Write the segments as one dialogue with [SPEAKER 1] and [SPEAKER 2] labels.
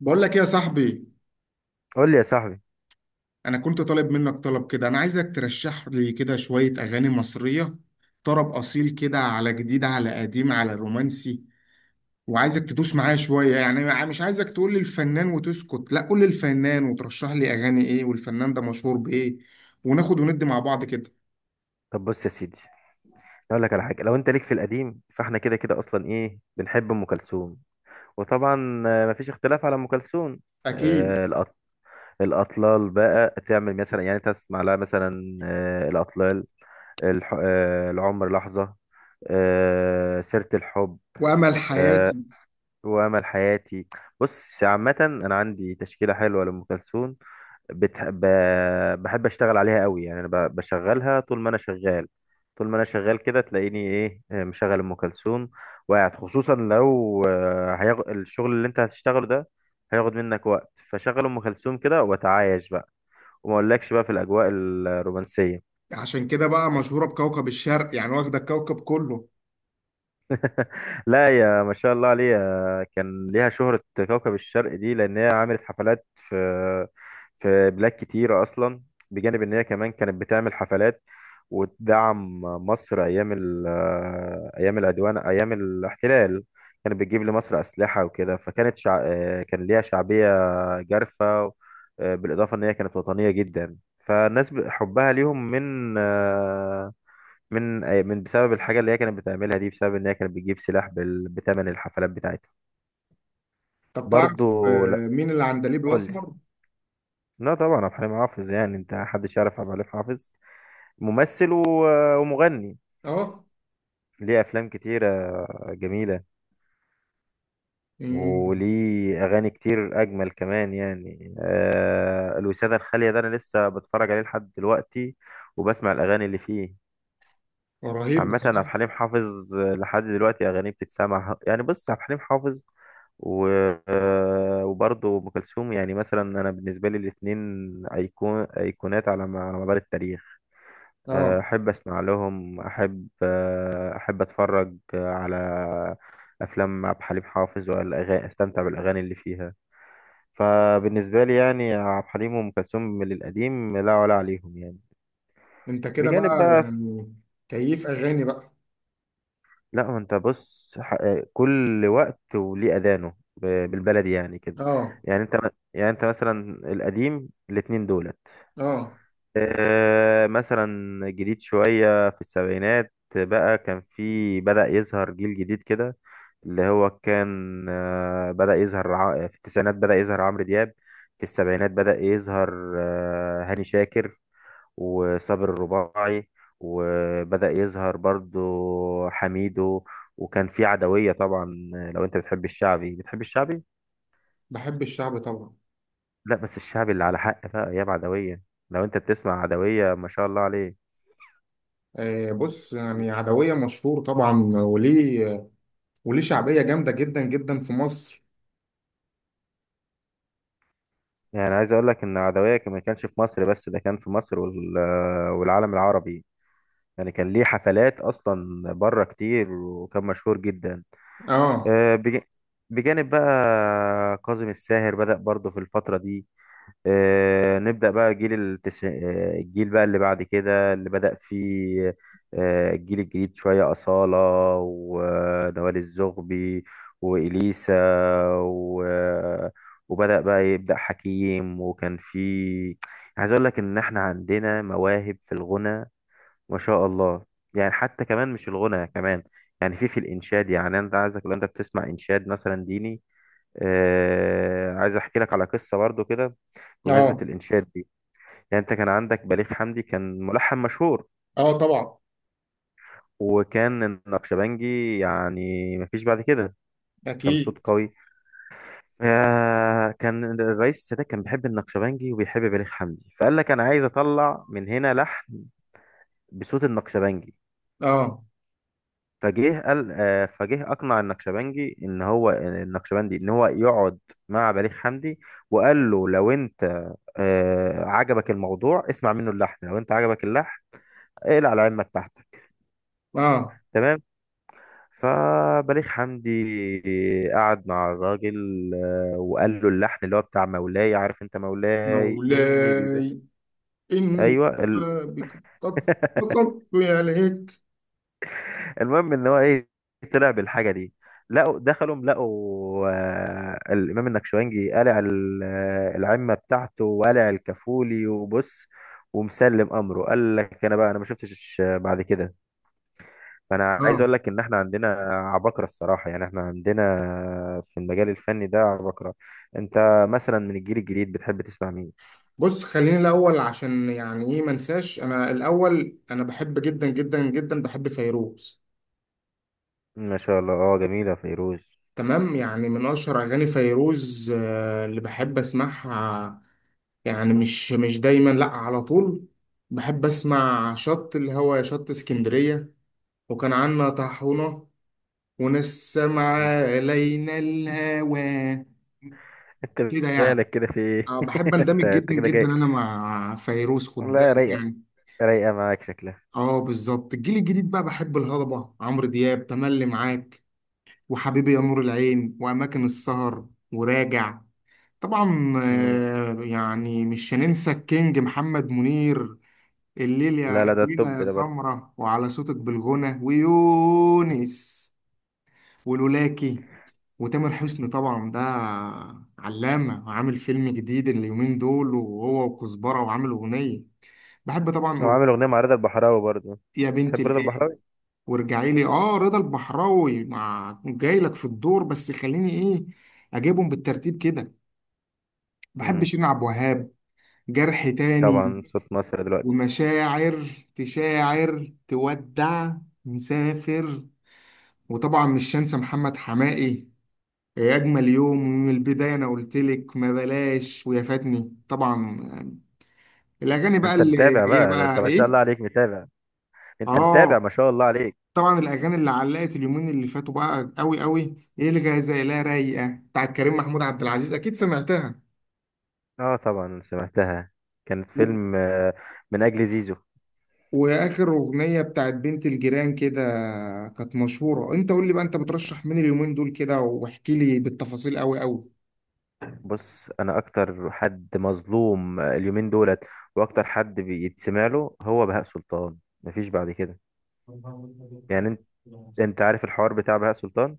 [SPEAKER 1] بقول لك إيه يا صاحبي؟
[SPEAKER 2] قول لي يا صاحبي.
[SPEAKER 1] انا كنت طالب منك طلب كده. انا عايزك ترشح لي كده شوية اغاني مصرية، طرب اصيل كده، على جديد، على قديم، على رومانسي. وعايزك تدوس معايا شوية، يعني مش عايزك تقول لي الفنان وتسكت، لا قول لي الفنان وترشح لي اغاني ايه والفنان ده مشهور بايه، وناخد وندي مع بعض كده.
[SPEAKER 2] طب بص يا سيدي، اقول لك على حاجه، لو انت ليك في القديم فاحنا كده كده اصلا ايه، بنحب ام كلثوم وطبعا مفيش اختلاف على ام كلثوم.
[SPEAKER 1] اكيد.
[SPEAKER 2] آه، الأط- الاطلال بقى تعمل مثلا، يعني تسمع لها مثلا الاطلال، الح... آه، العمر لحظه، سيره الحب،
[SPEAKER 1] وامل
[SPEAKER 2] آه،
[SPEAKER 1] حياتي.
[SPEAKER 2] وامل حياتي. بص عامه انا عندي تشكيله حلوه لام كلثوم، بتح... ب... بحب اشتغل عليها قوي، يعني انا بشغلها طول ما انا شغال. طول ما انا شغال كده تلاقيني ايه، مشغل ام كلثوم وقاعد، خصوصا لو الشغل اللي انت هتشتغله ده هياخد منك وقت، فشغل ام كلثوم كده واتعايش بقى، وما اقولكش بقى في الاجواء الرومانسيه.
[SPEAKER 1] عشان كده بقى مشهورة بكوكب الشرق يعني، واخدة الكوكب كله.
[SPEAKER 2] لا يا ما شاء الله عليها، كان ليها شهرة. كوكب الشرق دي لأن هي عملت حفلات في في بلاد كتيرة أصلا، بجانب إن هي كمان كانت بتعمل حفلات وتدعم مصر أيام أيام العدوان، أيام الاحتلال كانت بتجيب لمصر أسلحة وكده، كان ليها شعبية جارفة. بالإضافة إن هي كانت وطنية جدا، فالناس حبها ليهم من من من بسبب الحاجة اللي هي كانت بتعملها دي، بسبب ان هي كانت بتجيب سلاح بتمن الحفلات بتاعتها.
[SPEAKER 1] طب
[SPEAKER 2] برضو
[SPEAKER 1] تعرف
[SPEAKER 2] لا،
[SPEAKER 1] مين العندليب
[SPEAKER 2] قول لي.
[SPEAKER 1] الاسمر؟
[SPEAKER 2] لا طبعا عبد الحليم حافظ، يعني انت محدش يعرف عبد الحليم حافظ، ممثل ومغني
[SPEAKER 1] اه.
[SPEAKER 2] ليه افلام كتيرة جميلة،
[SPEAKER 1] مم.
[SPEAKER 2] وليه اغاني كتير اجمل كمان، يعني آه الوسادة الخالية ده انا لسه بتفرج عليه لحد دلوقتي وبسمع الاغاني اللي فيه.
[SPEAKER 1] رهيب
[SPEAKER 2] عامة عبد
[SPEAKER 1] بصراحة.
[SPEAKER 2] الحليم حافظ لحد دلوقتي اغانيه بتتسمع، يعني بص عبد الحليم حافظ و... آه، وبرضه ام كلثوم، يعني مثلا انا بالنسبه لي الاثنين ايقون، ايقونات على على مدار التاريخ.
[SPEAKER 1] اه.
[SPEAKER 2] احب اسمع لهم، احب احب اتفرج على افلام عبد الحليم حافظ والاغاني، استمتع بالاغاني اللي فيها. فبالنسبه لي يعني عبد الحليم وام كلثوم من القديم لا ولا عليهم يعني،
[SPEAKER 1] انت كده
[SPEAKER 2] بجانب
[SPEAKER 1] بقى
[SPEAKER 2] بقى.
[SPEAKER 1] يعني؟ كيف اغاني بقى؟
[SPEAKER 2] لا ما انت بص كل وقت وليه اذانه، بالبلدي يعني كده.
[SPEAKER 1] اه.
[SPEAKER 2] يعني انت م- يعني انت مثلا القديم الاتنين دولت،
[SPEAKER 1] اه.
[SPEAKER 2] مثلا جديد شوية في السبعينات بقى، كان في بدأ يظهر جيل جديد كده، اللي هو كان في التسعينات بدأ يظهر عمرو دياب. في السبعينات بدأ يظهر هاني شاكر وصابر الرباعي، وبدأ يظهر برضو حميدو، وكان في عدوية طبعا. لو انت بتحب الشعبي بتحب الشعبي،
[SPEAKER 1] بحب الشعب طبعا.
[SPEAKER 2] لا بس الشعبي اللي على حق بقى ايام عدوية، لو انت بتسمع عدوية ما شاء الله عليه.
[SPEAKER 1] آه بص، يعني عدوية مشهور طبعا، وليه وليه شعبية جامدة جدا جدا في مصر.
[SPEAKER 2] يعني عايز اقول لك ان ما كانش في مصر بس ده، كان في مصر والعالم العربي، يعني كان ليه حفلات اصلا بره كتير، وكان مشهور جدا.
[SPEAKER 1] اه.
[SPEAKER 2] آه، بج- بجانب بقى كاظم الساهر بدأ برضه في الفترة دي. آه، نبدأ بقى جيل التسع... آه، الجيل بقى اللي بعد كده اللي بدأ فيه، الجيل الجديد شوية، أصالة ونوال الزغبي وإليسا و... وبدأ بقى يبدأ حكيم، وكان في عايز أقول لك إن إحنا عندنا مواهب في الغنى ما شاء الله. يعني حتى كمان مش الغنى كمان، يعني في الإنشاد، يعني أنت عايزك لو أنت بتسمع إنشاد مثلا ديني. عايز أحكي لك على قصة برضو كده بمناسبة
[SPEAKER 1] اه.
[SPEAKER 2] الإنشاد دي. يعني أنت كان عندك بليغ حمدي، كان ملحن مشهور،
[SPEAKER 1] اه طبعا.
[SPEAKER 2] وكان النقشبنجي يعني مفيش بعد كده، كان صوت
[SPEAKER 1] اكيد.
[SPEAKER 2] قوي. فكان الرئيس السادات كان بيحب النقشبنجي وبيحب بليغ حمدي، فقال لك أنا عايز أطلع من هنا لحن بصوت النقشبنجي.
[SPEAKER 1] اه.
[SPEAKER 2] فجه قال آه، فجه أقنع النقشبنجي إن هو النقشبندي إن هو يقعد مع بليغ حمدي، وقال له لو أنت عجبك الموضوع اسمع منه اللحن، لو أنت عجبك اللحن اقلع على علمك تحتك.
[SPEAKER 1] اه.
[SPEAKER 2] تمام. فبليغ حمدي قعد مع الراجل، وقال له اللحن اللي هو بتاع مولاي، عارف انت مولاي اني بيبي.
[SPEAKER 1] مولاي. ان.
[SPEAKER 2] ايوه
[SPEAKER 1] بك. قد قصدت عليك.
[SPEAKER 2] المهم ان هو ايه، طلع بالحاجه دي. دخلوا لقوا الامام النكشوانجي قلع العمه بتاعته وقلع الكفولي، وبص ومسلم امره. قال لك انا بقى انا ما شفتش بعد كده. فانا عايز
[SPEAKER 1] اه،
[SPEAKER 2] اقول لك ان احنا عندنا عباقرة الصراحة، يعني احنا عندنا في المجال الفني ده عباقرة. انت مثلا من الجيل الجديد بتحب تسمع مين؟
[SPEAKER 1] بص خليني الاول، عشان يعني ايه ما انساش. انا الاول انا بحب جدا جدا جدا بحب فيروز.
[SPEAKER 2] ما شاء الله، اه جميلة فيروز.
[SPEAKER 1] تمام، يعني من اشهر اغاني فيروز اللي بحب اسمعها، يعني مش مش دايما لا على طول، بحب اسمع شط الهوا يا شط اسكندريه، وكان عنا طاحونه، وناس سمع
[SPEAKER 2] مم.
[SPEAKER 1] علينا الهوى.
[SPEAKER 2] انت
[SPEAKER 1] كده يعني.
[SPEAKER 2] مالك كده؟ في ايه؟
[SPEAKER 1] بحب اندمج
[SPEAKER 2] انت
[SPEAKER 1] جدا
[SPEAKER 2] كده
[SPEAKER 1] جدا
[SPEAKER 2] جاي؟
[SPEAKER 1] انا مع فيروز، خد
[SPEAKER 2] لا
[SPEAKER 1] بالك
[SPEAKER 2] رايقة،
[SPEAKER 1] يعني.
[SPEAKER 2] رايقة معاك شكلها.
[SPEAKER 1] اه بالظبط. الجيل الجديد بقى، بحب الهضبه عمرو دياب، تملي معاك، وحبيبي يا نور العين، واماكن السهر، وراجع. طبعا
[SPEAKER 2] مم.
[SPEAKER 1] يعني مش هننسى الكينج محمد منير، الليل
[SPEAKER 2] لا
[SPEAKER 1] يا
[SPEAKER 2] لا ده
[SPEAKER 1] الليلة
[SPEAKER 2] التوب
[SPEAKER 1] يا
[SPEAKER 2] ده برضه.
[SPEAKER 1] سمرة، وعلى صوتك بالغنى، ويونس، ولولاكي. وتامر حسني طبعا ده علامة، وعامل فيلم جديد اليومين دول وهو وكزبرة، وعامل أغنية بحب طبعا.
[SPEAKER 2] هو عامل
[SPEAKER 1] أغنية
[SPEAKER 2] اغنية مع رضا البحراوي برضه.
[SPEAKER 1] يا بنت
[SPEAKER 2] تحب رضا
[SPEAKER 1] الإيه،
[SPEAKER 2] البحراوي؟
[SPEAKER 1] وارجعي لي. آه رضا البحراوي مع جاي لك في الدور، بس خليني إيه أجيبهم بالترتيب كده. بحب
[SPEAKER 2] مم.
[SPEAKER 1] شيرين عبد الوهاب، جرح تاني،
[SPEAKER 2] طبعا صوت مصر دلوقتي.
[SPEAKER 1] ومشاعر، تشاعر، تودع، مسافر. وطبعا مش هنسى محمد حماقي، يا أجمل يوم، ومن البداية، أنا قلت لك، ما بلاش، ويا فاتني طبعا. الأغاني بقى
[SPEAKER 2] انت
[SPEAKER 1] اللي
[SPEAKER 2] متابع
[SPEAKER 1] هي
[SPEAKER 2] بقى، ده انت
[SPEAKER 1] بقى
[SPEAKER 2] ما شاء
[SPEAKER 1] إيه؟
[SPEAKER 2] الله عليك متابع، انت متابع
[SPEAKER 1] آه
[SPEAKER 2] ما شاء الله عليك.
[SPEAKER 1] طبعا الأغاني اللي علقت اليومين اللي فاتوا بقى قوي قوي، إيه الغزالة رايقة بتاعت كريم محمود عبد العزيز، أكيد سمعتها.
[SPEAKER 2] اه طبعا سمعتها، كانت فيلم من اجل زيزو.
[SPEAKER 1] واخر اغنيه بتاعت بنت الجيران كده كانت مشهوره. انت قول لي بقى، انت بترشح مين اليومين دول كده، واحكي لي بالتفاصيل قوي قوي.
[SPEAKER 2] بص انا اكتر حد مظلوم اليومين دولت، واكتر حد بيتسمع له هو بهاء سلطان، مفيش بعد كده. يعني انت انت عارف الحوار بتاع بهاء سلطان،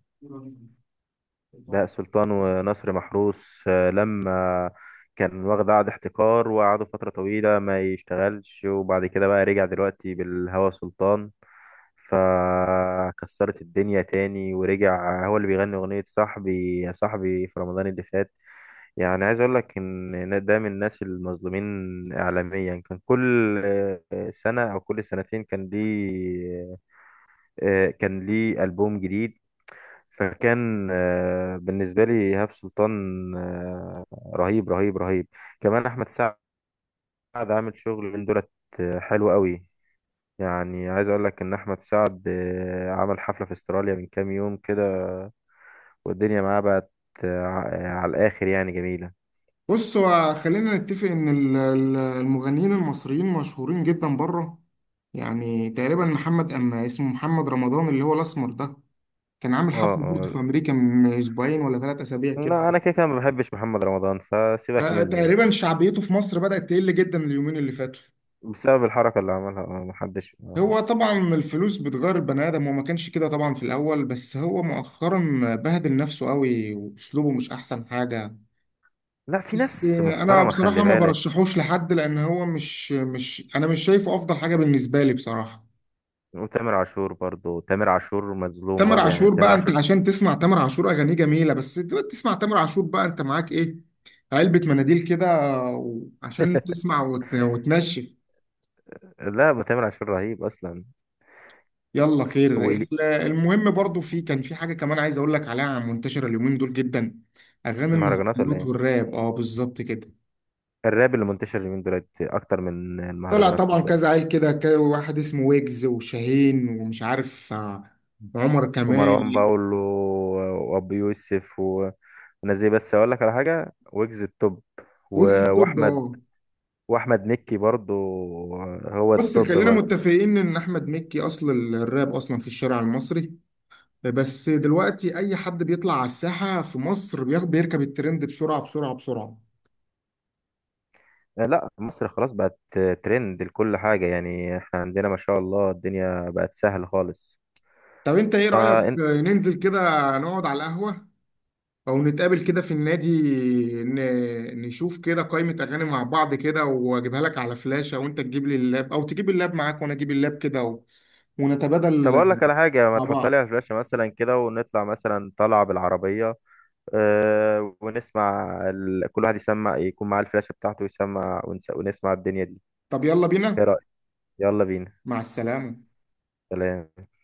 [SPEAKER 2] بهاء سلطان ونصر محروس لما كان واخد عقد احتكار، وقعدوا فترة طويلة ما يشتغلش، وبعد كده بقى رجع دلوقتي بالهوى سلطان، فكسرت الدنيا تاني، ورجع هو اللي بيغني أغنية صاحبي يا صاحبي في رمضان اللي فات. يعني عايز اقول لك ان ده من الناس المظلومين اعلاميا، كان كل سنة او كل سنتين كان ليه كان ليه ألبوم جديد. فكان بالنسبة لي إيهاب سلطان آه، رهيب رهيب رهيب. كمان أحمد سعد عامل شغل من دولت حلو قوي، يعني عايز أقول لك إن أحمد سعد عمل حفلة في استراليا من كام يوم كده، والدنيا معاه بقت آه، على الآخر، يعني جميلة.
[SPEAKER 1] بص، هو خلينا نتفق ان المغنيين المصريين مشهورين جدا بره، يعني تقريبا محمد، اما اسمه محمد رمضان، اللي هو الاسمر ده، كان عامل
[SPEAKER 2] اه
[SPEAKER 1] حفله برضه
[SPEAKER 2] اه.
[SPEAKER 1] في امريكا من اسبوعين ولا ثلاث اسابيع كده.
[SPEAKER 2] لا أنا كده كده ما بحبش محمد رمضان فسيبك منه يعني.
[SPEAKER 1] تقريبا شعبيته في مصر بدأت تقل جدا اليومين اللي فاتوا.
[SPEAKER 2] بسبب الحركة اللي عملها محدش
[SPEAKER 1] هو طبعا الفلوس بتغير البني ادم، وما كانش كده طبعا في الاول، بس هو مؤخرا بهدل نفسه قوي، واسلوبه مش احسن حاجه.
[SPEAKER 2] لا في
[SPEAKER 1] بس
[SPEAKER 2] ناس
[SPEAKER 1] انا
[SPEAKER 2] محترمة خلي
[SPEAKER 1] بصراحه ما
[SPEAKER 2] بالك.
[SPEAKER 1] برشحوش لحد، لان هو مش مش انا مش شايفه افضل حاجه بالنسبه لي بصراحه.
[SPEAKER 2] وتامر عاشور برضو، تامر عاشور مظلوم
[SPEAKER 1] تامر
[SPEAKER 2] برضو، يعني
[SPEAKER 1] عاشور
[SPEAKER 2] تامر
[SPEAKER 1] بقى، انت
[SPEAKER 2] عاشور.
[SPEAKER 1] عشان تسمع تامر عاشور اغانيه جميله، بس دلوقتي تسمع تامر عاشور بقى انت معاك ايه؟ علبه مناديل كده، عشان تسمع وتنشف.
[SPEAKER 2] لا ابو تامر عاشور رهيب اصلا.
[SPEAKER 1] يلا خير.
[SPEAKER 2] وإلي
[SPEAKER 1] المهم برضو، في كان في حاجة كمان عايز اقول لك عليها منتشرة اليومين دول جدا، اغاني
[SPEAKER 2] المهرجانات، ولا
[SPEAKER 1] المهرجانات
[SPEAKER 2] ايه؟
[SPEAKER 1] والراب. اه بالظبط كده.
[SPEAKER 2] الراب اللي منتشر اليومين دولت اكتر من
[SPEAKER 1] طلع
[SPEAKER 2] المهرجانات،
[SPEAKER 1] طبعا
[SPEAKER 2] خد
[SPEAKER 1] كذا
[SPEAKER 2] بالك.
[SPEAKER 1] عيل كده، واحد اسمه ويجز، وشاهين، ومش عارف عمر
[SPEAKER 2] ومروان
[SPEAKER 1] كمال.
[SPEAKER 2] بابلو وابو يوسف والناس دي، بس اقول لك على حاجه، ويجز التوب
[SPEAKER 1] ويجز
[SPEAKER 2] و-
[SPEAKER 1] التوب
[SPEAKER 2] واحمد
[SPEAKER 1] اه.
[SPEAKER 2] واحمد مكي برضو، هو
[SPEAKER 1] بص
[SPEAKER 2] التوب
[SPEAKER 1] خلينا
[SPEAKER 2] برضو.
[SPEAKER 1] متفقين ان احمد مكي اصل الراب اصلا في الشارع المصري، بس دلوقتي اي حد بيطلع على الساحة في مصر بياخد بيركب الترند بسرعة بسرعة بسرعة.
[SPEAKER 2] لا مصر خلاص بقت ترند لكل حاجه، يعني احنا عندنا ما شاء الله الدنيا بقت سهل خالص.
[SPEAKER 1] طب انت ايه رأيك
[SPEAKER 2] فانت
[SPEAKER 1] ننزل كده، نقعد على القهوة، او نتقابل كده في النادي، نشوف كده قائمة اغاني مع بعض كده، واجيبها لك على فلاشة، وانت تجيب لي اللاب او تجيب اللاب معاك وانا اجيب اللاب كده
[SPEAKER 2] طب
[SPEAKER 1] ونتبادل
[SPEAKER 2] اقول لك على حاجه، ما
[SPEAKER 1] مع
[SPEAKER 2] تحط لي على
[SPEAKER 1] بعض.
[SPEAKER 2] الفلاشه مثلا كده، ونطلع مثلا طلعه بالعربيه ونسمع كل واحد يسمع، يكون معاه الفلاشة بتاعته ويسمع، ونسمع الدنيا دي.
[SPEAKER 1] طب يلا
[SPEAKER 2] ايه
[SPEAKER 1] بينا.
[SPEAKER 2] رأيك؟ يلا بينا.
[SPEAKER 1] مع السلامة.
[SPEAKER 2] سلام.